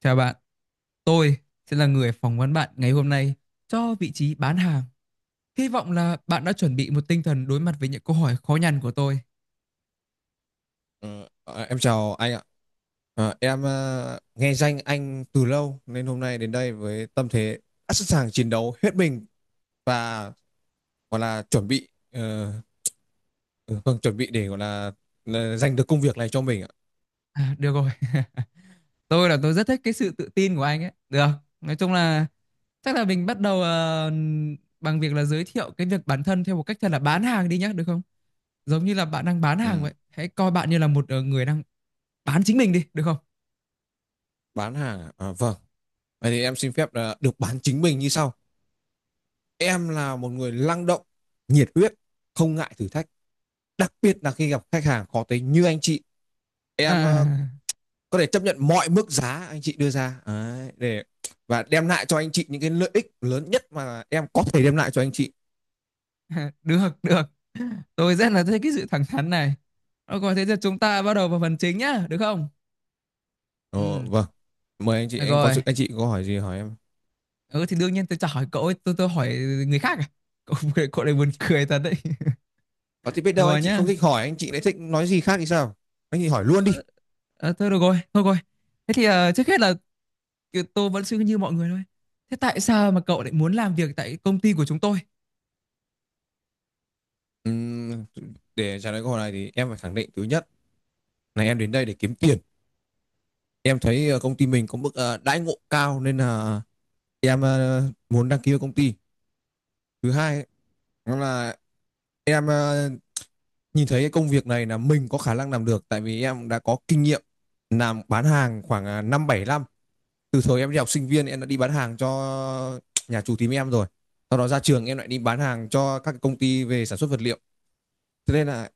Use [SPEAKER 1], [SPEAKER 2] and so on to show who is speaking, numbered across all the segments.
[SPEAKER 1] Chào bạn, tôi sẽ là người phỏng vấn bạn ngày hôm nay cho vị trí bán hàng. Hy vọng là bạn đã chuẩn bị một tinh thần đối mặt với những câu hỏi khó nhằn của tôi.
[SPEAKER 2] Em chào anh ạ. Em nghe danh anh từ lâu nên hôm nay đến đây với tâm thế đã sẵn sàng chiến đấu hết mình và gọi là chuẩn bị ừ, vâng, chuẩn bị để gọi là giành được công việc này cho mình ạ.
[SPEAKER 1] À, được rồi, tôi rất thích cái sự tự tin của anh ấy. Được, nói chung là chắc là mình bắt đầu bằng việc là giới thiệu cái việc bản thân theo một cách thật là bán hàng đi nhé, được không? Giống như là bạn đang bán hàng
[SPEAKER 2] Ừm,
[SPEAKER 1] vậy. Hãy coi bạn như là một người đang bán chính mình đi, được không?
[SPEAKER 2] bán hàng à? À, vâng. Vậy thì em xin phép là được bán chính mình như sau. Em là một người năng động, nhiệt huyết, không ngại thử thách, đặc biệt là khi gặp khách hàng khó tính như anh chị. Em
[SPEAKER 1] À,
[SPEAKER 2] có thể chấp nhận mọi mức giá anh chị đưa ra. Đấy, để và đem lại cho anh chị những cái lợi ích lớn nhất mà em có thể đem lại cho anh chị.
[SPEAKER 1] được được tôi rất là thích cái sự thẳng thắn này. Ờ, rồi thế giờ chúng ta bắt đầu vào phần chính nhá, được không?
[SPEAKER 2] Ồ,
[SPEAKER 1] Ừ,
[SPEAKER 2] vâng, mời anh chị,
[SPEAKER 1] được
[SPEAKER 2] em có
[SPEAKER 1] rồi.
[SPEAKER 2] sự anh chị có hỏi gì hỏi em,
[SPEAKER 1] Ừ thì đương nhiên tôi chả hỏi cậu ấy, tôi hỏi người khác à? cậu cậu này buồn cười thật đấy.
[SPEAKER 2] có thì biết
[SPEAKER 1] Được
[SPEAKER 2] đâu anh
[SPEAKER 1] rồi
[SPEAKER 2] chị
[SPEAKER 1] nhá.
[SPEAKER 2] không thích hỏi, anh chị lại thích nói gì khác thì sao. Anh chị hỏi luôn đi.
[SPEAKER 1] ờ, Thôi được rồi, thôi rồi, thế thì trước hết là tôi vẫn suy nghĩ như mọi người thôi, thế tại sao mà cậu lại muốn làm việc tại công ty của chúng tôi?
[SPEAKER 2] Ừm, để trả lời câu hỏi này thì em phải khẳng định. Thứ nhất là em đến đây để kiếm tiền, em thấy công ty mình có mức đãi ngộ cao nên là em muốn đăng ký vào công ty. Thứ hai đó là em nhìn thấy cái công việc này là mình có khả năng làm được, tại vì em đã có kinh nghiệm làm bán hàng khoảng năm bảy năm. Từ thời em đi học sinh viên em đã đi bán hàng cho nhà chủ tím em rồi, sau đó ra trường em lại đi bán hàng cho các công ty về sản xuất vật liệu. Thế nên là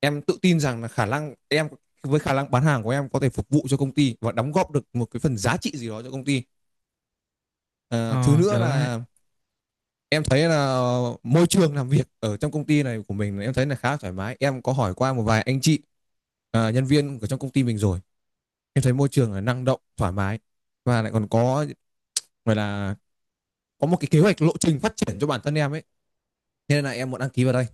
[SPEAKER 2] em tự tin rằng là khả năng bán hàng của em có thể phục vụ cho công ty và đóng góp được một cái phần giá trị gì đó cho công ty. À, thứ
[SPEAKER 1] Ờ,
[SPEAKER 2] nữa
[SPEAKER 1] được đấy.
[SPEAKER 2] là em thấy là môi trường làm việc ở trong công ty này của mình, em thấy là khá thoải mái, em có hỏi qua một vài anh chị nhân viên của trong công ty mình rồi. Em thấy môi trường là năng động, thoải mái và lại còn có gọi là có một cái kế hoạch lộ trình phát triển cho bản thân em ấy. Thế nên là em muốn đăng ký vào đây.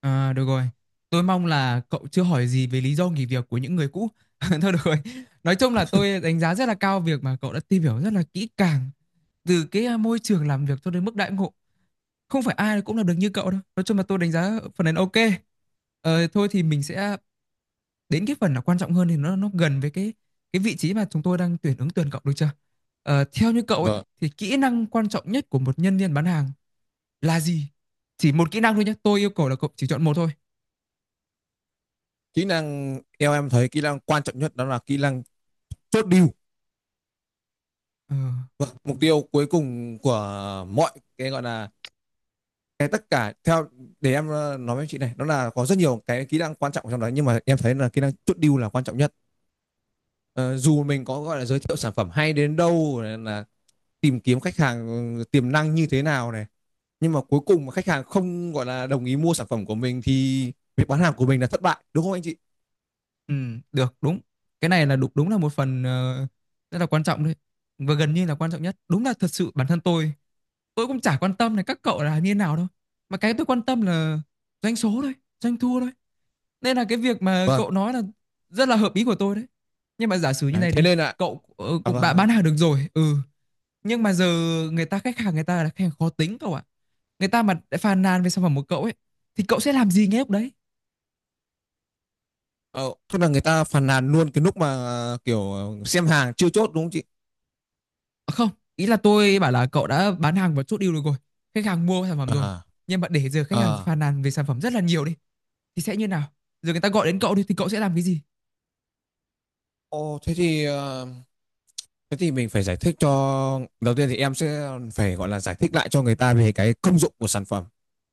[SPEAKER 1] À, được rồi. Tôi mong là cậu chưa hỏi gì về lý do nghỉ việc của những người cũ. Thôi được rồi. Nói chung là tôi đánh giá rất là cao việc mà cậu đã tìm hiểu rất là kỹ càng từ cái môi trường làm việc cho đến mức đãi ngộ. Không phải ai cũng làm được như cậu đâu. Nói chung là tôi đánh giá phần này là ok. Ờ, thôi thì mình sẽ đến cái phần là quan trọng hơn thì nó gần với cái vị trí mà chúng tôi đang tuyển ứng tuyển cậu, được chưa? Ờ, theo như cậu ấy
[SPEAKER 2] Vâng,
[SPEAKER 1] thì kỹ năng quan trọng nhất của một nhân viên bán hàng là gì? Chỉ một kỹ năng thôi nhé. Tôi yêu cầu là cậu chỉ chọn một thôi.
[SPEAKER 2] kỹ năng theo em thấy kỹ năng quan trọng nhất đó là kỹ năng chốt deal.
[SPEAKER 1] Ờ.
[SPEAKER 2] Vâng, mục tiêu cuối cùng của mọi cái gọi là cái tất cả theo để em nói với chị này, đó là có rất nhiều cái kỹ năng quan trọng trong đó nhưng mà em thấy là kỹ năng chốt deal là quan trọng nhất. Ờ, dù mình có gọi là giới thiệu sản phẩm hay đến đâu, là tìm kiếm khách hàng tiềm năng như thế nào này, nhưng mà cuối cùng mà khách hàng không gọi là đồng ý mua sản phẩm của mình thì việc bán hàng của mình là thất bại, đúng không anh chị?
[SPEAKER 1] Ừ, được, đúng, cái này là đúng, là một phần rất là quan trọng đấy và gần như là quan trọng nhất. Đúng là thật sự bản thân tôi cũng chả quan tâm là các cậu là như thế nào đâu, mà cái tôi quan tâm là doanh số thôi, doanh thu thôi, nên là cái việc mà
[SPEAKER 2] Vâng.
[SPEAKER 1] cậu nói là rất là hợp ý của tôi đấy. Nhưng mà giả sử như
[SPEAKER 2] Đấy,
[SPEAKER 1] này
[SPEAKER 2] thế
[SPEAKER 1] đi,
[SPEAKER 2] nên là
[SPEAKER 1] cậu
[SPEAKER 2] à,
[SPEAKER 1] cũng
[SPEAKER 2] vâng
[SPEAKER 1] đã bán
[SPEAKER 2] vâng.
[SPEAKER 1] hàng được rồi, ừ, nhưng mà giờ người ta khách hàng người ta là khách hàng khó tính cậu ạ, người ta mà đã phàn nàn về sản phẩm của cậu ấy thì cậu sẽ làm gì ngay lúc đấy?
[SPEAKER 2] ờ, Tức là người ta phàn nàn luôn cái lúc mà kiểu xem hàng chưa chốt, đúng không chị?
[SPEAKER 1] À, không, ý là tôi bảo là cậu đã bán hàng và chốt deal được rồi, khách hàng mua sản phẩm rồi,
[SPEAKER 2] À,
[SPEAKER 1] nhưng mà để giờ khách hàng
[SPEAKER 2] à,
[SPEAKER 1] phàn nàn về sản phẩm rất là nhiều đi thì sẽ như nào, giờ người ta gọi đến cậu đi thì cậu sẽ làm cái gì?
[SPEAKER 2] ồ thế thì thế thì mình phải giải thích cho đầu tiên thì em sẽ phải gọi là giải thích lại cho người ta về cái công dụng của sản phẩm,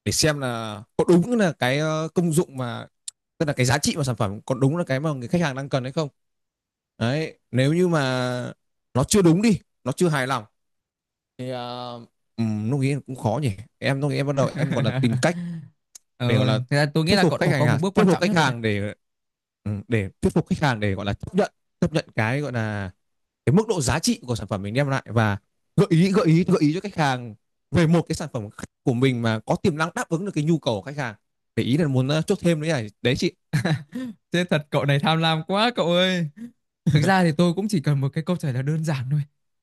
[SPEAKER 2] để xem là có đúng là cái công dụng mà tức là cái giá trị mà sản phẩm có đúng là cái mà người khách hàng đang cần hay không. Đấy, nếu như mà nó chưa đúng đi, nó chưa hài lòng thì lúc ấy cũng khó nhỉ. Em lúc ấy em bắt đầu em gọi là tìm cách để gọi
[SPEAKER 1] Ờ
[SPEAKER 2] là
[SPEAKER 1] thế là tôi nghĩ
[SPEAKER 2] thuyết
[SPEAKER 1] là cậu
[SPEAKER 2] phục
[SPEAKER 1] đã
[SPEAKER 2] khách
[SPEAKER 1] bỏ
[SPEAKER 2] hàng
[SPEAKER 1] qua một
[SPEAKER 2] à?
[SPEAKER 1] bước
[SPEAKER 2] Thuyết
[SPEAKER 1] quan
[SPEAKER 2] phục
[SPEAKER 1] trọng nhất
[SPEAKER 2] khách
[SPEAKER 1] rồi đấy.
[SPEAKER 2] hàng để ừ, để thuyết phục khách hàng để gọi là chấp nhận, chấp nhận cái gọi là cái mức độ giá trị của sản phẩm mình đem lại, và gợi ý cho khách hàng về một cái sản phẩm của mình mà có tiềm năng đáp ứng được cái nhu cầu của khách hàng, để ý là muốn chốt thêm nữa này, đấy chị.
[SPEAKER 1] Thế thật, cậu này tham lam quá cậu ơi. Thực ra thì tôi cũng chỉ cần một cái câu trả lời đơn giản thôi.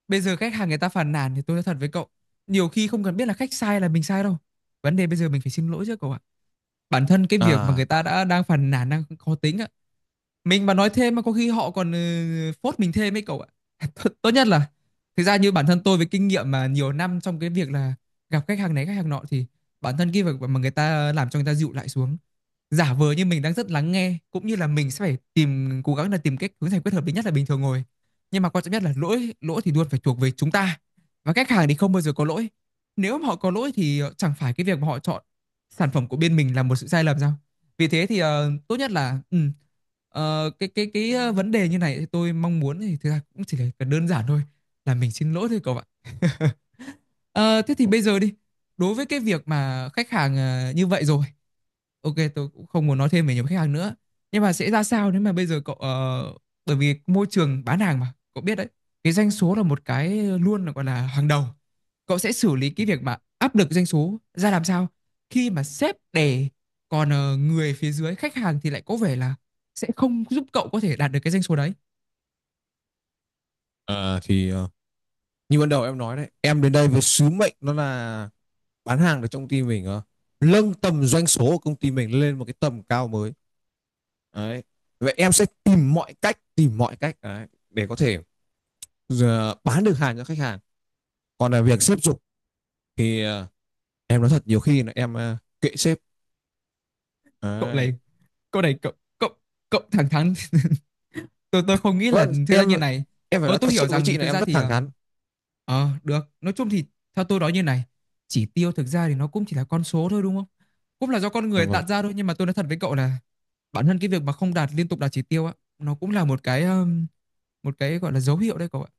[SPEAKER 1] Bây giờ khách hàng người ta phàn nàn thì tôi nói thật với cậu, nhiều khi không cần biết là khách sai là mình sai đâu, vấn đề bây giờ mình phải xin lỗi chứ cậu ạ. Bản thân cái việc mà
[SPEAKER 2] À,
[SPEAKER 1] người ta
[SPEAKER 2] à,
[SPEAKER 1] đã đang phàn nàn đang khó tính á, mình mà nói thêm mà có khi họ còn ừ, phốt mình thêm ấy cậu ạ. Tốt tốt nhất là, thực ra như bản thân tôi với kinh nghiệm mà nhiều năm trong cái việc là gặp khách hàng này khách hàng nọ thì bản thân cái việc mà người ta làm cho người ta dịu lại xuống, giả vờ như mình đang rất lắng nghe cũng như là mình sẽ phải tìm cố gắng là tìm cách hướng giải quyết hợp lý nhất là bình thường rồi, nhưng mà quan trọng nhất là lỗi lỗi thì luôn phải thuộc về chúng ta và khách hàng thì không bao giờ có lỗi. Nếu mà họ có lỗi thì chẳng phải cái việc mà họ chọn sản phẩm của bên mình là một sự sai lầm sao? Vì thế thì tốt nhất là ừ, cái vấn đề như này thì tôi mong muốn thì thực ra cũng chỉ là đơn giản thôi, là mình xin lỗi thôi cậu ạ. Ờ, thế thì bây giờ đi. Đối với cái việc mà khách hàng như vậy rồi, ok, tôi cũng không muốn nói thêm về nhiều khách hàng nữa. Nhưng mà sẽ ra sao nếu mà bây giờ cậu ờ, bởi vì môi trường bán hàng mà, cậu biết đấy, cái doanh số là một cái luôn là gọi là hàng đầu. Cậu sẽ xử lý cái việc mà áp lực doanh số ra làm sao khi mà sếp đè, còn người phía dưới khách hàng thì lại có vẻ là sẽ không giúp cậu có thể đạt được cái doanh số đấy.
[SPEAKER 2] à thì ờ, như ban đầu em nói đấy, em đến đây với sứ mệnh nó là bán hàng được trong công ty mình, nâng tầm doanh số của công ty mình lên một cái tầm cao mới. Đấy. Vậy em sẽ tìm mọi cách đấy, để có thể ờ, bán được hàng cho khách hàng. Còn là việc xếp dục thì em nói thật, nhiều khi là em kệ sếp.
[SPEAKER 1] Cậu
[SPEAKER 2] Đấy.
[SPEAKER 1] này, cậu này cậu cậu cậu thẳng thắn. Tôi không nghĩ là
[SPEAKER 2] Vâng,
[SPEAKER 1] thế ra như
[SPEAKER 2] em
[SPEAKER 1] này.
[SPEAKER 2] em phải
[SPEAKER 1] Ờ
[SPEAKER 2] nói thật
[SPEAKER 1] tôi
[SPEAKER 2] sự
[SPEAKER 1] hiểu
[SPEAKER 2] với
[SPEAKER 1] rằng
[SPEAKER 2] chị là
[SPEAKER 1] thực
[SPEAKER 2] em
[SPEAKER 1] ra
[SPEAKER 2] rất
[SPEAKER 1] thì
[SPEAKER 2] thẳng thắn.
[SPEAKER 1] ờ được, nói chung thì theo tôi nói như này, chỉ tiêu thực ra thì nó cũng chỉ là con số thôi đúng không, cũng là do con
[SPEAKER 2] Dạ
[SPEAKER 1] người tạo
[SPEAKER 2] vâng.
[SPEAKER 1] ra thôi, nhưng mà tôi nói thật với cậu là bản thân cái việc mà không đạt liên tục đạt chỉ tiêu á nó cũng là một cái gọi là dấu hiệu đấy cậu ạ,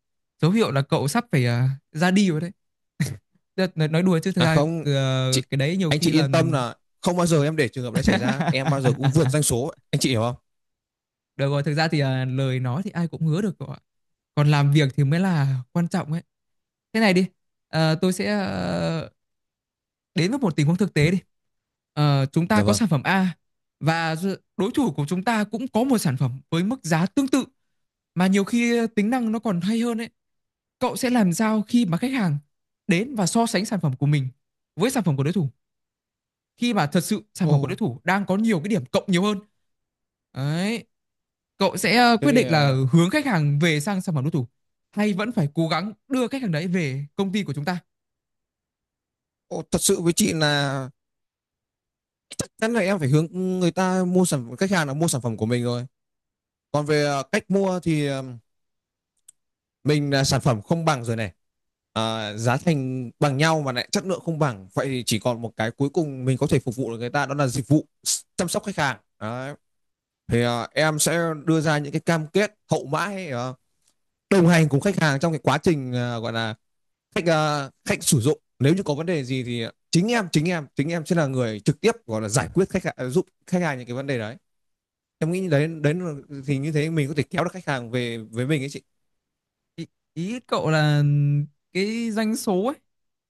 [SPEAKER 1] dấu hiệu là cậu sắp phải ra đi rồi đấy. Tức là nói đùa chứ thực
[SPEAKER 2] À
[SPEAKER 1] ra
[SPEAKER 2] không, chị
[SPEAKER 1] cái đấy nhiều
[SPEAKER 2] anh
[SPEAKER 1] khi
[SPEAKER 2] chị
[SPEAKER 1] là,
[SPEAKER 2] yên tâm là không bao giờ em để trường hợp đấy xảy ra, em bao giờ cũng vượt doanh số, anh chị hiểu không?
[SPEAKER 1] được rồi, thực ra thì lời nói thì ai cũng hứa được cậu ạ, còn làm việc thì mới là quan trọng ấy. Thế này đi, tôi sẽ đến với một tình huống thực tế đi. Ờ, chúng ta
[SPEAKER 2] Dạ
[SPEAKER 1] có
[SPEAKER 2] vâng.
[SPEAKER 1] sản phẩm A và đối thủ của chúng ta cũng có một sản phẩm với mức giá tương tự mà nhiều khi tính năng nó còn hay hơn ấy. Cậu sẽ làm sao khi mà khách hàng đến và so sánh sản phẩm của mình với sản phẩm của đối thủ, khi mà thật sự sản
[SPEAKER 2] Ồ,
[SPEAKER 1] phẩm của đối thủ đang có nhiều cái điểm cộng nhiều hơn? Đấy, cậu sẽ
[SPEAKER 2] thế
[SPEAKER 1] quyết
[SPEAKER 2] thì
[SPEAKER 1] định là hướng khách hàng về sang sản phẩm đối thủ hay vẫn phải cố gắng đưa khách hàng đấy về công ty của chúng ta?
[SPEAKER 2] ồ, thật sự với chị là chắc chắn là em phải hướng người ta mua sản khách hàng là mua sản phẩm của mình rồi. Còn về cách mua thì mình là sản phẩm không bằng rồi này, à, giá thành bằng nhau mà lại chất lượng không bằng, vậy thì chỉ còn một cái cuối cùng mình có thể phục vụ được người ta đó là dịch vụ chăm sóc khách hàng. Đấy. Thì à, em sẽ đưa ra những cái cam kết hậu mãi, à, đồng hành cùng khách hàng trong cái quá trình à, gọi là khách sử dụng nếu như có vấn đề gì thì chính em sẽ là người trực tiếp gọi là giải quyết khách hàng giúp khách hàng những cái vấn đề đấy. Em nghĩ đấy đấy thì như thế mình có thể kéo được khách hàng về với mình ấy chị.
[SPEAKER 1] ý, Ý cậu là cái doanh số ấy,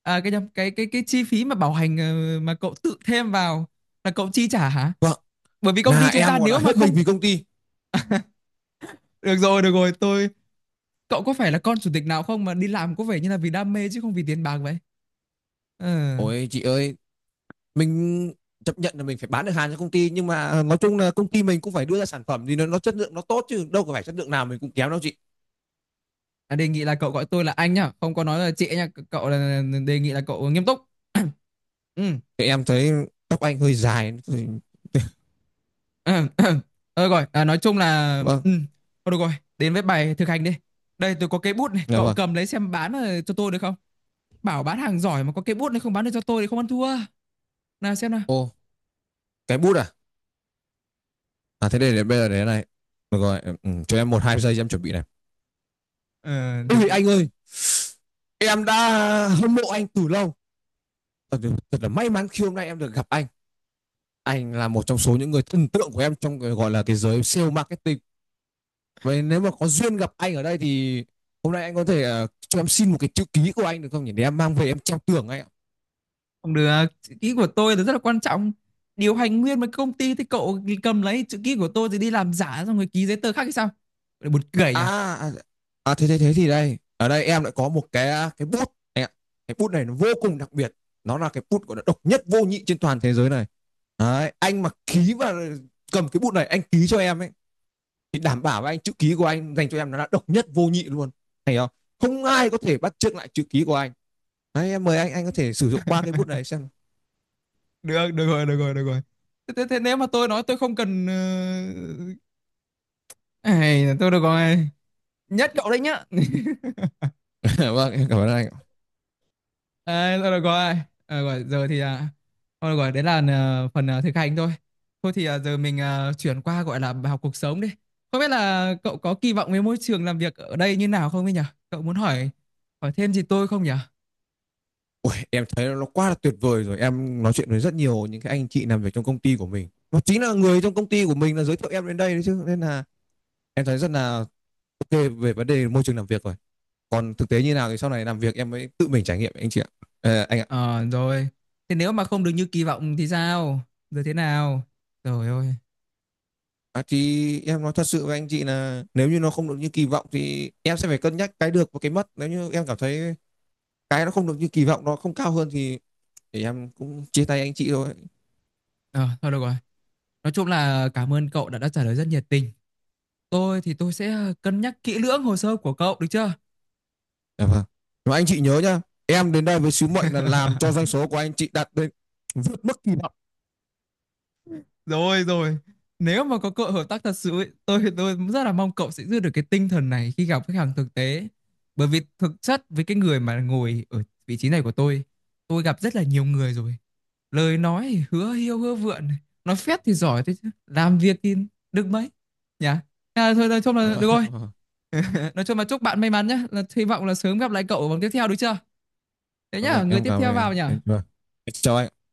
[SPEAKER 1] à cái nhầm, cái chi phí mà bảo hành mà cậu tự thêm vào là cậu chi trả hả?
[SPEAKER 2] Vâng,
[SPEAKER 1] Bởi vì công
[SPEAKER 2] là
[SPEAKER 1] ty chúng
[SPEAKER 2] em
[SPEAKER 1] ta
[SPEAKER 2] gọi là
[SPEAKER 1] nếu mà
[SPEAKER 2] hết mình
[SPEAKER 1] không,
[SPEAKER 2] vì công ty.
[SPEAKER 1] được rồi, tôi, cậu có phải là con chủ tịch nào không mà đi làm có vẻ như là vì đam mê chứ không vì tiền bạc vậy? Ờ.
[SPEAKER 2] Ôi chị ơi, mình chấp nhận là mình phải bán được hàng cho công ty, nhưng mà nói chung là công ty mình cũng phải đưa ra sản phẩm thì nó chất lượng nó tốt, chứ đâu có phải chất lượng nào mình cũng kém đâu chị.
[SPEAKER 1] À, đề nghị là cậu gọi tôi là anh nhá, không có nói là chị nhá. Cậu là đề nghị là cậu nghiêm túc.
[SPEAKER 2] Thì em thấy tóc anh hơi dài. Thì-
[SPEAKER 1] Ừ. Ờ rồi, à, nói chung là
[SPEAKER 2] Vâng,
[SPEAKER 1] ừ. Thôi được rồi, đến với bài thực hành đi. Đây tôi có cây bút này,
[SPEAKER 2] dạ
[SPEAKER 1] cậu
[SPEAKER 2] vâng.
[SPEAKER 1] cầm lấy xem bán cho tôi được không? Bảo bán hàng giỏi mà có cây bút này không bán được cho tôi thì không ăn thua. Nào xem nào.
[SPEAKER 2] Ô, cái bút à? À thế đây, để bây giờ để này. Được rồi, em- ừ, cho em một hai giây em chuẩn bị này.
[SPEAKER 1] Ờ thực
[SPEAKER 2] Ôi
[SPEAKER 1] sự
[SPEAKER 2] anh ơi, em đã hâm mộ anh từ lâu. Thật, là may mắn khi hôm nay em được gặp anh. Anh là một trong số những người thần tượng của em trong gọi là cái giới sale marketing. Vậy nếu mà có duyên gặp anh ở đây thì hôm nay anh có thể cho em xin một cái chữ ký của anh được không nhỉ? Để em mang về em treo tường anh ạ.
[SPEAKER 1] không được, chữ ký của tôi là rất là quan trọng. Điều hành nguyên một công ty thì cậu cầm lấy chữ ký của tôi thì đi làm giả xong rồi ký giấy tờ khác hay sao? Buồn cười nhỉ.
[SPEAKER 2] À, à, thế thế thế thì đây. Ở đây em lại có một cái à, cái bút anh ạ. Cái bút này nó vô cùng đặc biệt. Nó là cái bút của nó độc nhất vô nhị trên toàn thế giới này. Đấy, anh mà ký và cầm cái bút này, anh ký cho em ấy thì đảm bảo với anh chữ ký của anh dành cho em nó là độc nhất vô nhị luôn. Thấy không? Không ai có thể bắt chước lại chữ ký của anh. Đấy, em mời anh có thể sử dụng qua cái bút này xem.
[SPEAKER 1] Được, được rồi, thế, thế, thế nếu mà tôi nói tôi không cần ai là tôi được rồi, nhất cậu đấy nhá.
[SPEAKER 2] Vâng, em cảm ơn anh.
[SPEAKER 1] À, tôi được rồi, à, rồi giờ thì à, thôi được rồi đấy là phần thực hành thôi. Thôi thì giờ mình chuyển qua gọi là bài học cuộc sống đi. Không biết là cậu có kỳ vọng với môi trường làm việc ở đây như nào không ấy nhỉ? Cậu muốn hỏi, thêm gì tôi không nhỉ?
[SPEAKER 2] Ui, em thấy nó quá là tuyệt vời rồi. Em nói chuyện với rất nhiều những cái anh chị làm việc trong công ty của mình. Và chính là người trong công ty của mình là giới thiệu em đến đây đấy chứ. Nên là em thấy rất là ok về vấn đề môi trường làm việc rồi. Còn thực tế như nào thì sau này làm việc em mới tự mình trải nghiệm anh chị ạ. Ờ, anh ạ.
[SPEAKER 1] Ờ rồi, thế nếu mà không được như kỳ vọng thì sao, rồi thế nào, rồi ôi.
[SPEAKER 2] À, thì em nói thật sự với anh chị là nếu như nó không được như kỳ vọng thì em sẽ phải cân nhắc cái được và cái mất. Nếu như em cảm thấy cái nó không được như kỳ vọng, nó không cao hơn thì em cũng chia tay anh chị thôi.
[SPEAKER 1] Ờ thôi được rồi. Nói chung là cảm ơn cậu đã trả lời rất nhiệt tình. Tôi thì tôi sẽ cân nhắc kỹ lưỡng hồ sơ của cậu, được chưa?
[SPEAKER 2] Dạ vâng. Mà anh chị nhớ nhá, em đến đây với sứ mệnh là làm cho doanh số của anh chị đạt đến vượt mức kỳ vọng.
[SPEAKER 1] Rồi rồi. Nếu mà có cơ hội hợp tác thật sự ấy, tôi rất là mong cậu sẽ giữ được cái tinh thần này khi gặp khách hàng thực tế. Bởi vì thực chất với cái người mà ngồi ở vị trí này của tôi gặp rất là nhiều người rồi. Lời nói thì hứa hiêu hứa vượn, nói phét thì giỏi thế chứ, làm việc thì được mấy. Nhá. À, thôi nói chung
[SPEAKER 2] Dạ
[SPEAKER 1] là được rồi.
[SPEAKER 2] vâng,
[SPEAKER 1] Nói chung là chúc bạn may mắn nhé. Là hy vọng là sớm gặp lại cậu ở vòng tiếp theo, được chưa? Thế
[SPEAKER 2] Dạ
[SPEAKER 1] nhá,
[SPEAKER 2] vâng,
[SPEAKER 1] người
[SPEAKER 2] em
[SPEAKER 1] tiếp
[SPEAKER 2] cảm ơn
[SPEAKER 1] theo
[SPEAKER 2] em.
[SPEAKER 1] vào nhỉ?
[SPEAKER 2] Dạ vâng. Em chào anh.